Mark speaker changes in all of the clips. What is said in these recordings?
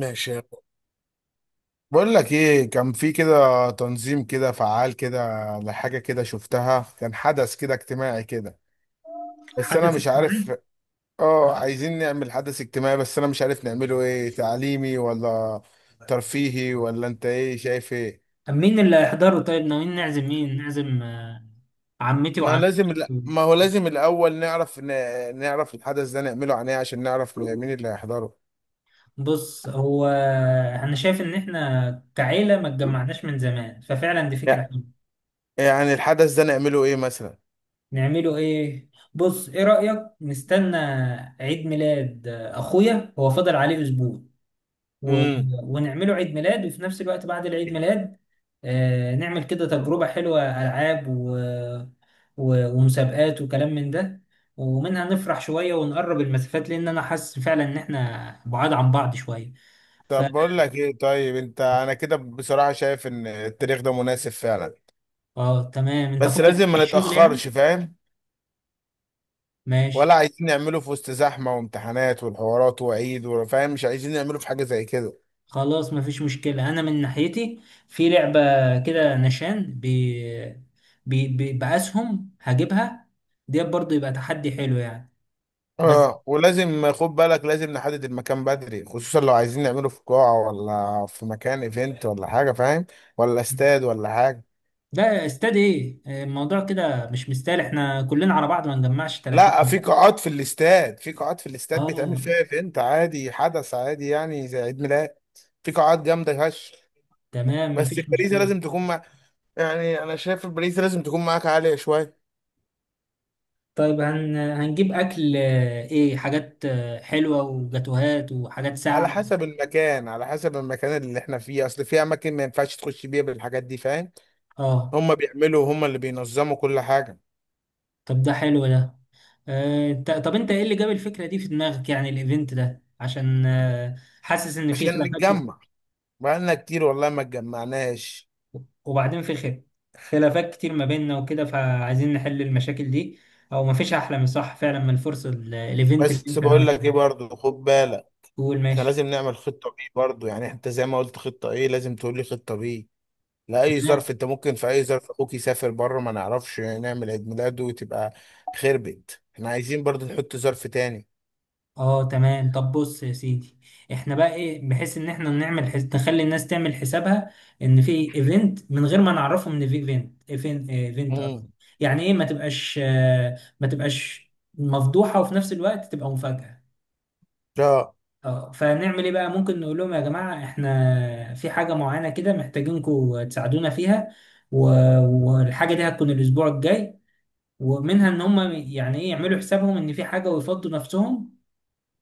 Speaker 1: ماشي. بقول لك ايه، كان في كده تنظيم كده فعال كده لحاجه كده شفتها، كان حدث كده اجتماعي كده، بس انا
Speaker 2: حدث
Speaker 1: مش
Speaker 2: اجتماعي.
Speaker 1: عارف. اه، عايزين نعمل حدث اجتماعي بس انا مش عارف نعمله ايه، تعليمي ولا ترفيهي؟ ولا انت ايه شايف ايه؟
Speaker 2: طب مين اللي هيحضره؟ طيب ناويين نعزم مين؟ نعزم آه، عمتي وعمتك.
Speaker 1: ما هو لازم الاول نعرف نعرف الحدث ده نعمله عن ايه عشان نعرف مين اللي هيحضره.
Speaker 2: بص هو انا شايف ان احنا كعيلة ما اتجمعناش من زمان، ففعلا دي فكرة
Speaker 1: لا،
Speaker 2: حلوة.
Speaker 1: يعني الحدث ده نعمله ايه مثلا؟
Speaker 2: نعمله ايه؟ بص، ايه رأيك نستنى عيد ميلاد؟ اخويا هو فاضل عليه اسبوع و... ونعمله عيد ميلاد، وفي نفس الوقت بعد العيد ميلاد نعمل كده تجربة حلوة، ألعاب ومسابقات وكلام من ده، ومنها نفرح شوية ونقرب المسافات لأن أنا حاسس فعلا إن إحنا بعاد عن بعض شوية. ف
Speaker 1: طب بقول لك ايه، طيب انت، انا كده بصراحة شايف ان التاريخ ده مناسب فعلا.
Speaker 2: آه تمام، أنت
Speaker 1: بس
Speaker 2: فاضي
Speaker 1: لازم
Speaker 2: في
Speaker 1: ما
Speaker 2: الشغل يعني؟
Speaker 1: نتأخرش، فاهم؟ ولا
Speaker 2: ماشي.
Speaker 1: عايزين نعمله في وسط زحمة وامتحانات والحوارات وعيد، وفاهم مش عايزين نعمله في حاجة زي كده.
Speaker 2: خلاص، مفيش مشكلة أنا من ناحيتي. في لعبة كده نشان بأسهم هجيبها ديت، برضه يبقى تحدي حلو يعني. بس
Speaker 1: اه، ولازم خد بالك لازم نحدد المكان بدري، خصوصا لو عايزين نعمله في قاعة ولا في مكان ايفنت ولا حاجة، فاهم؟ ولا استاد ولا حاجة.
Speaker 2: ده استاد ايه؟ الموضوع كده مش مستاهل، احنا كلنا على بعض ما نجمعش 30
Speaker 1: لا، في
Speaker 2: جنيه.
Speaker 1: قاعات في الاستاد، بيتعمل فيها
Speaker 2: اه
Speaker 1: ايفنت عادي، حدث عادي يعني زي عيد ميلاد. في قاعات جامدة هش.
Speaker 2: تمام،
Speaker 1: بس
Speaker 2: مفيش
Speaker 1: الباريزي
Speaker 2: مشكله.
Speaker 1: لازم تكون مع، يعني انا شايف الباريزي لازم تكون معاك عالية شوية.
Speaker 2: طيب هنجيب اكل ايه؟ حاجات حلوه وجاتوهات وحاجات ساقعه.
Speaker 1: على حسب المكان، اللي احنا فيه، اصل في اماكن ما ينفعش تخش بيها بالحاجات دي، فاهم؟
Speaker 2: اه
Speaker 1: هم بيعملوا، هم اللي بينظموا كل حاجة.
Speaker 2: طب ده حلو ده. طب انت ايه اللي جاب الفكره دي في دماغك؟ يعني الايفنت ده عشان حاسس ان في
Speaker 1: عشان
Speaker 2: خلافات كتير.
Speaker 1: نتجمع، بقالنا كتير والله ما اتجمعناش.
Speaker 2: وبعدين في خلافات كتير ما بيننا وكده، فعايزين نحل المشاكل دي. او مفيش احلى من صح، فعلا من الفرصه الايفنت اللي
Speaker 1: بس
Speaker 2: انت
Speaker 1: بقول
Speaker 2: ناوي.
Speaker 1: لك ايه برضه، خد بالك
Speaker 2: قول
Speaker 1: احنا
Speaker 2: ماشي.
Speaker 1: لازم نعمل خطة بي برضه. يعني انت زي ما قلت خطة ايه، لازم تقول لي خطة بي لأي
Speaker 2: تمام،
Speaker 1: ظرف. انت ممكن في اي ظرف اخوك يسافر بره، ما نعرفش نعمل عيد ميلاده، وتبقى خربت. احنا عايزين برضه نحط ظرف تاني.
Speaker 2: اه تمام. طب بص يا سيدي، احنا بقى ايه بحيث ان احنا نعمل نخلي الناس تعمل حسابها ان في ايفنت، من غير ما نعرفهم ان في ايفنت اصلا.
Speaker 1: امم.
Speaker 2: يعني ايه، ما تبقاش مفضوحة، وفي نفس الوقت تبقى مفاجأة.
Speaker 1: لا.
Speaker 2: اه، فنعمل ايه بقى؟ ممكن نقول لهم يا جماعة، احنا في حاجة معينة كده محتاجينكم تساعدونا فيها، و... والحاجة دي هتكون الاسبوع الجاي، ومنها ان هم يعني ايه يعملوا حسابهم ان في حاجة ويفضوا نفسهم،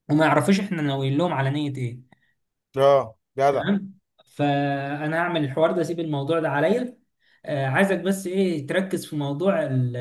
Speaker 2: وما يعرفوش احنا ناويين لهم على نية ايه.
Speaker 1: لا جدع،
Speaker 2: تمام، فانا هعمل الحوار ده، اسيب الموضوع ده عليا. عايزك بس ايه تركز في موضوع ال-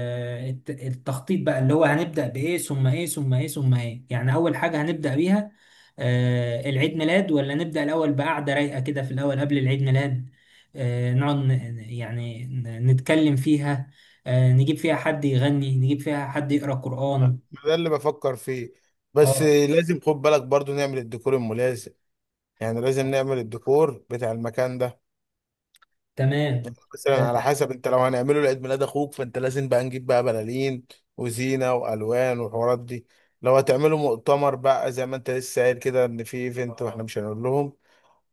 Speaker 2: الت- التخطيط بقى، اللي هو هنبدأ بايه ثم ايه ثم ايه ثم ايه؟ يعني اول حاجة هنبدأ بيها العيد ميلاد، ولا نبدأ الاول بقعدة رايقة كده في الاول قبل العيد ميلاد؟ نقعد نتكلم فيها، نجيب فيها حد يغني، نجيب فيها حد يقرأ
Speaker 1: ما
Speaker 2: قرآن.
Speaker 1: ده اللي بفكر فيه. بس
Speaker 2: اه
Speaker 1: لازم خد بالك برضه نعمل الديكور الملازم، يعني لازم نعمل الديكور بتاع المكان ده.
Speaker 2: تمام.
Speaker 1: يعني مثلا، على
Speaker 2: آه،
Speaker 1: حسب، انت لو هنعمله لعيد ميلاد اخوك فانت لازم بقى نجيب بقى بلالين وزينة والوان والحوارات دي. لو هتعملوا مؤتمر بقى زي ما انت لسه قايل كده، ان في ايفنت واحنا مش هنقول لهم،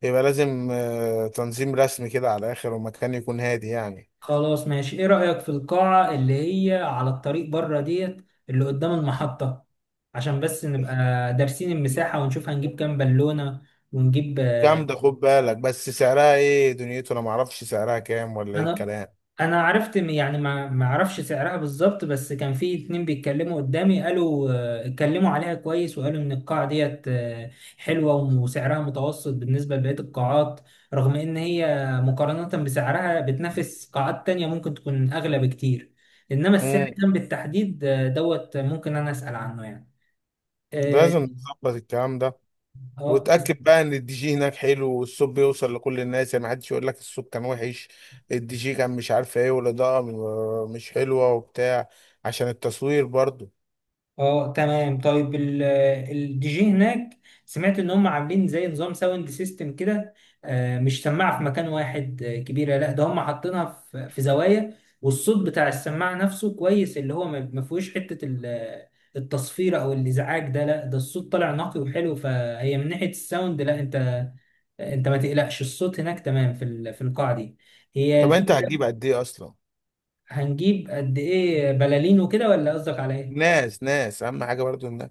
Speaker 1: يبقى لازم تنظيم رسمي كده على الاخر، ومكان يكون هادي يعني.
Speaker 2: خلاص ماشي. ايه رأيك في القاعة اللي هي على الطريق بره ديت اللي قدام المحطة؟ عشان بس نبقى دارسين المساحة، ونشوف هنجيب كام بالونة ونجيب
Speaker 1: جامدة، خد بالك بس سعرها ايه، دنيته انا معرفش سعرها كام ولا ايه
Speaker 2: انا
Speaker 1: الكلام.
Speaker 2: انا عرفت يعني ما اعرفش سعرها بالظبط، بس كان في اتنين بيتكلموا قدامي، قالوا اتكلموا عليها كويس، وقالوا ان القاعة ديت حلوة وسعرها متوسط بالنسبة لبقية القاعات. رغم ان هي مقارنة بسعرها بتنافس قاعات تانية ممكن تكون اغلى بكتير، انما السعر
Speaker 1: امم.
Speaker 2: كان بالتحديد دوت، ممكن انا اسأل عنه يعني. اه
Speaker 1: لازم نظبط الكلام ده.
Speaker 2: آه،
Speaker 1: وتأكد بقى ان الدي جي هناك حلو والصوت بيوصل لكل الناس، يعني محدش يقول لك الصوت كان وحش، الدي جي كان مش عارف ايه، والاضاءة مش حلوة وبتاع. عشان التصوير برضو.
Speaker 2: اه تمام. طيب الدي جي هناك، سمعت ان هم عاملين زي نظام ساوند سيستم كده، مش سماعه في مكان واحد كبيره، لا ده هم حاطينها في زوايا، والصوت بتاع السماعه نفسه كويس، اللي هو ما فيهوش حته التصفير او الازعاج ده، لا ده الصوت طالع نقي وحلو. فهي من ناحيه الساوند، لا انت ما تقلقش، الصوت هناك تمام في في القاعه دي. هي
Speaker 1: طب انت
Speaker 2: الفكره.
Speaker 1: هتجيب قد ايه اصلا؟
Speaker 2: هنجيب قد ايه بلالين وكده ولا قصدك على ايه؟
Speaker 1: ناس ناس، اهم حاجة برضو الناس.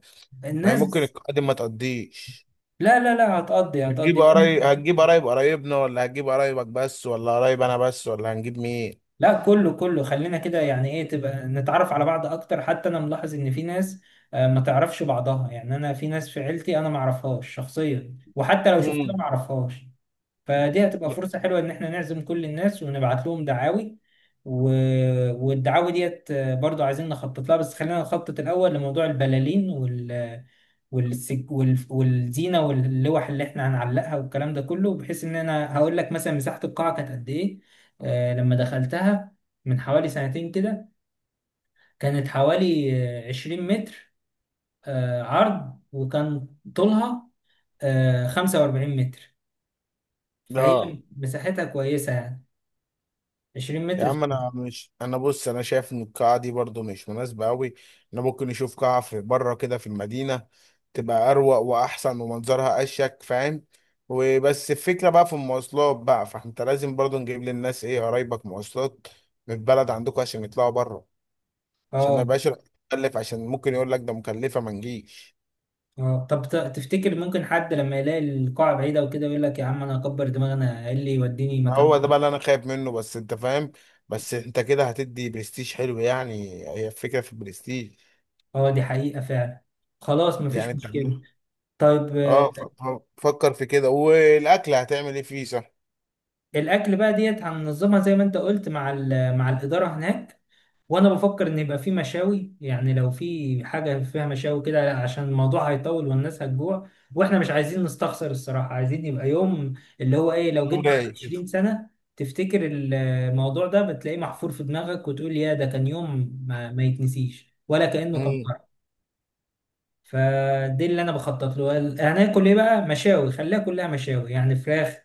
Speaker 1: ما هي ممكن
Speaker 2: الناس.
Speaker 1: القادم ما تقضيش.
Speaker 2: لا لا لا، هتقضي
Speaker 1: بتجيب
Speaker 2: هتقضي
Speaker 1: قرايب، هتجيب قرايب قرايبنا ولا هتجيب قرايبك بس ولا قرايب انا بس ولا هنجيب مين؟
Speaker 2: لا، كله كله خلينا كده، يعني ايه، تبقى نتعرف على بعض اكتر. حتى انا ملاحظ ان في ناس ما تعرفش بعضها، يعني انا في ناس في عيلتي انا ما اعرفهاش شخصيا، وحتى لو
Speaker 1: امم.
Speaker 2: شفتها ما اعرفهاش. فدي هتبقى فرصة حلوة إن إحنا نعزم كل الناس ونبعت لهم دعاوي، و... والدعاوي ديت برضو عايزين نخطط لها، بس خلينا نخطط الأول لموضوع البلالين والزينة واللوح اللي إحنا هنعلقها والكلام ده كله، بحيث إن أنا هقول لك مثلا مساحة القاعة كانت قد إيه. لما دخلتها من حوالي سنتين كده، كانت حوالي 20 متر عرض، وكان طولها 45 متر. فهي
Speaker 1: اه.
Speaker 2: مساحتها كويسة يعني، 20
Speaker 1: يا
Speaker 2: متر
Speaker 1: عم انا مش، انا بص، انا شايف ان القاعه دي برضو مش مناسبه قوي. انا ممكن نشوف قاعه في بره كده في المدينه، تبقى اروق واحسن ومنظرها اشيك، فاهم؟ وبس الفكره بقى في المواصلات بقى، فانت لازم برضو نجيب للناس ايه قرايبك مواصلات من البلد عندكم عشان يطلعوا بره، عشان ما
Speaker 2: اه
Speaker 1: يبقاش مكلف، عشان ممكن يقول لك ده مكلفه ما نجيش.
Speaker 2: اه. طب تفتكر ممكن حد لما يلاقي القاعة بعيدة وكده يقول لك يا عم انا هكبر دماغي، انا ايه اللي يوديني
Speaker 1: ما
Speaker 2: مكان
Speaker 1: هو ده بقى
Speaker 2: بعيد؟
Speaker 1: اللي انا خايف منه، بس انت فاهم. بس انت كده هتدي برستيج حلو يعني، هي الفكره في البرستيج.
Speaker 2: اه دي حقيقة فعلا. خلاص
Speaker 1: يعني
Speaker 2: مفيش
Speaker 1: انت
Speaker 2: مشكلة.
Speaker 1: عاملها.
Speaker 2: طيب
Speaker 1: اه، فكر في كده. والاكل هتعمل ايه فيه، صح؟
Speaker 2: الاكل بقى ديت هننظمها زي ما انت قلت مع مع الإدارة هناك، وانا بفكر ان يبقى في مشاوي، يعني لو في حاجه فيها مشاوي كده عشان الموضوع هيطول والناس هتجوع، واحنا مش عايزين نستخسر، الصراحه عايزين يبقى يوم اللي هو ايه، لو
Speaker 1: يوم
Speaker 2: جيت بعد
Speaker 1: رايق كده.
Speaker 2: 20 سنه تفتكر الموضوع ده بتلاقيه محفور في دماغك، وتقول يا ده كان يوم ما يتنسيش ولا كانه كان.
Speaker 1: امم.
Speaker 2: فدي اللي انا بخطط له. هناكل ايه بقى؟ مشاوي، خليها كلها مشاوي، يعني فراخ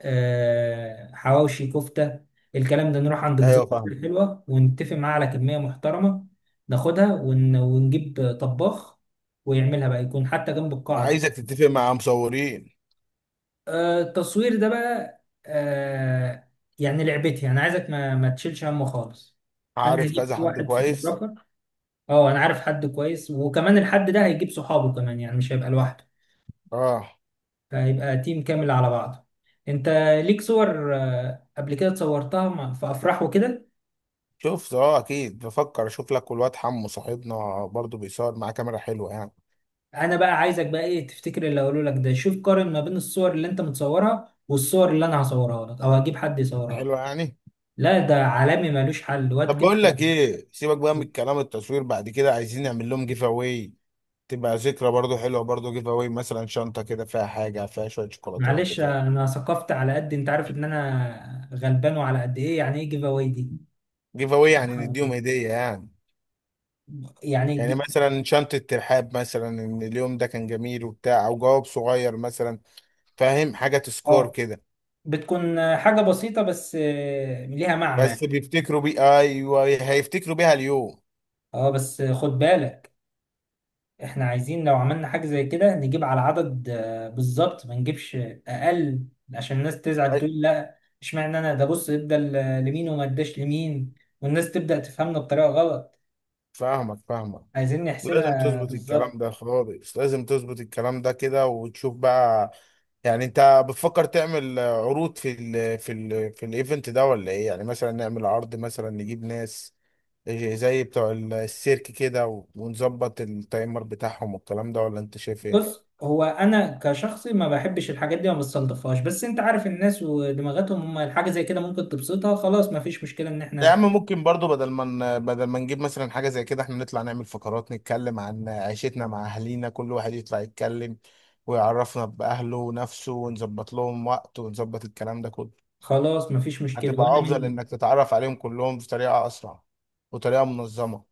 Speaker 2: حواوشي، كفته، الكلام ده. نروح عند جزار
Speaker 1: ايوه، فاهم.
Speaker 2: أكل حلوه ونتفق معاه على كميه محترمه، ناخدها ونجيب طباخ ويعملها بقى، يكون حتى جنب القاعه كده.
Speaker 1: عايزك تتفق مع مصورين،
Speaker 2: التصوير ده بقى، آه، يعني لعبتي، انا عايزك ما تشيلش همه خالص. انا
Speaker 1: عارف
Speaker 2: هجيب
Speaker 1: كذا حد
Speaker 2: واحد
Speaker 1: كويس.
Speaker 2: فوتوغرافر. اه انا عارف حد كويس، وكمان الحد ده هيجيب صحابه كمان، يعني مش هيبقى لوحده،
Speaker 1: اه،
Speaker 2: فهيبقى تيم كامل على بعضه. انت ليك صور قبل كده صورتها في افراح وكده؟
Speaker 1: شفت، اه اكيد بفكر اشوف لك، والواد حمو صاحبنا برضو بيصور معاه كاميرا حلوه يعني.
Speaker 2: انا بقى عايزك بقى ايه، تفتكر اللي هقوله لك ده، شوف قارن ما بين الصور اللي انت متصورها والصور اللي انا هصورها لك او هجيب حد يصورها لك.
Speaker 1: حلوه يعني.
Speaker 2: لا ده عالمي ملوش حل، واد
Speaker 1: طب
Speaker 2: كده.
Speaker 1: بقول لك ايه، سيبك بقى من الكلام التصوير، بعد كده عايزين نعمل لهم جيف اواي، تبقى ذكرى برضو حلوه. برضو جيف اواي مثلا شنطه كده فيها حاجه، فيها شويه شوكولاتات
Speaker 2: معلش
Speaker 1: بتاع.
Speaker 2: انا ثقفت على قد، انت عارف ان انا غلبان وعلى قد ايه، يعني ايه جيف اواي دي؟
Speaker 1: جيف اواي يعني
Speaker 2: حاجة
Speaker 1: نديهم
Speaker 2: كده
Speaker 1: هديه يعني،
Speaker 2: يعني
Speaker 1: يعني مثلا شنطه ترحاب مثلا ان اليوم ده كان جميل وبتاع، او جواب صغير مثلا، فاهم؟ حاجه تسكور
Speaker 2: اه.
Speaker 1: كده.
Speaker 2: بتكون حاجة بسيطة بس ليها
Speaker 1: بس
Speaker 2: معنى.
Speaker 1: بيفتكروا بيه، ايوه هيفتكروا بيها اليوم.
Speaker 2: اه بس خد بالك، احنا عايزين لو عملنا حاجة زي كده نجيب على عدد بالظبط، ما نجيبش اقل، عشان الناس تزعل
Speaker 1: أي-
Speaker 2: تقول لا اشمعنى انا ده؟ بص ادى لمين وما اداش لمين، والناس تبدأ تفهمنا بطريقة غلط.
Speaker 1: فاهمك فاهمك.
Speaker 2: عايزين
Speaker 1: لازم
Speaker 2: نحسبها
Speaker 1: تظبط الكلام
Speaker 2: بالظبط.
Speaker 1: ده خالص، لازم تظبط الكلام ده كده وتشوف بقى. يعني انت بتفكر تعمل عروض في ال في ال في الايفنت ده، ولا ايه؟ يعني مثلا نعمل عرض مثلا، نجيب ناس زي بتوع السيرك كده، ونظبط التايمر بتاعهم والكلام ده، ولا انت شايف ايه؟
Speaker 2: بص هو انا كشخصي ما بحبش الحاجات دي، ما بستلطفهاش، بس انت عارف الناس ودماغاتهم، هم الحاجة زي كده ممكن تبسطها، خلاص ما فيش مشكلة ان
Speaker 1: يا
Speaker 2: احنا.
Speaker 1: عم ممكن برضو بدل ما نجيب مثلا حاجة زي كده، احنا نطلع نعمل فقرات نتكلم عن عيشتنا مع اهالينا، كل واحد يطلع يتكلم ويعرفنا بأهله ونفسه، ونظبط لهم وقت ونظبط الكلام ده كله.
Speaker 2: خلاص ما فيش مشكلة
Speaker 1: هتبقى
Speaker 2: وانا
Speaker 1: افضل
Speaker 2: من،
Speaker 1: انك تتعرف عليهم كلهم بطريقه اسرع وطريقه منظمه.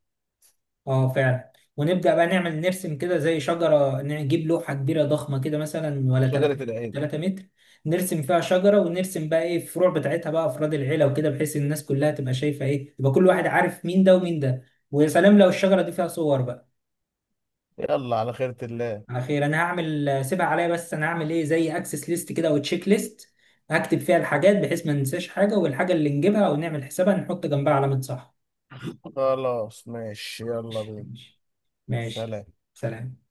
Speaker 2: اه فعلا. ونبدأ بقى نعمل نرسم كده زي شجرة، نجيب لوحة كبيرة ضخمة كده مثلا، ولا 3
Speaker 1: شجره العيله.
Speaker 2: 3 متر، نرسم فيها شجرة ونرسم بقى ايه الفروع بتاعتها بقى افراد العيلة وكده، بحيث الناس كلها تبقى شايفة ايه، يبقى كل واحد عارف مين ده ومين ده، ويا سلام لو الشجرة دي فيها صور بقى.
Speaker 1: يلا على خيرة الله.
Speaker 2: على خير. انا هعمل سيبها عليا، بس انا هعمل ايه زي اكسس ليست كده او تشيك ليست، هكتب فيها الحاجات بحيث ما ننساش حاجة، والحاجة اللي نجيبها او نعمل حسابها نحط جنبها علامة صح.
Speaker 1: خلاص ماشي، يلا
Speaker 2: ماشي،
Speaker 1: بينا.
Speaker 2: ماشي، ماشي.
Speaker 1: سلام.
Speaker 2: سلام.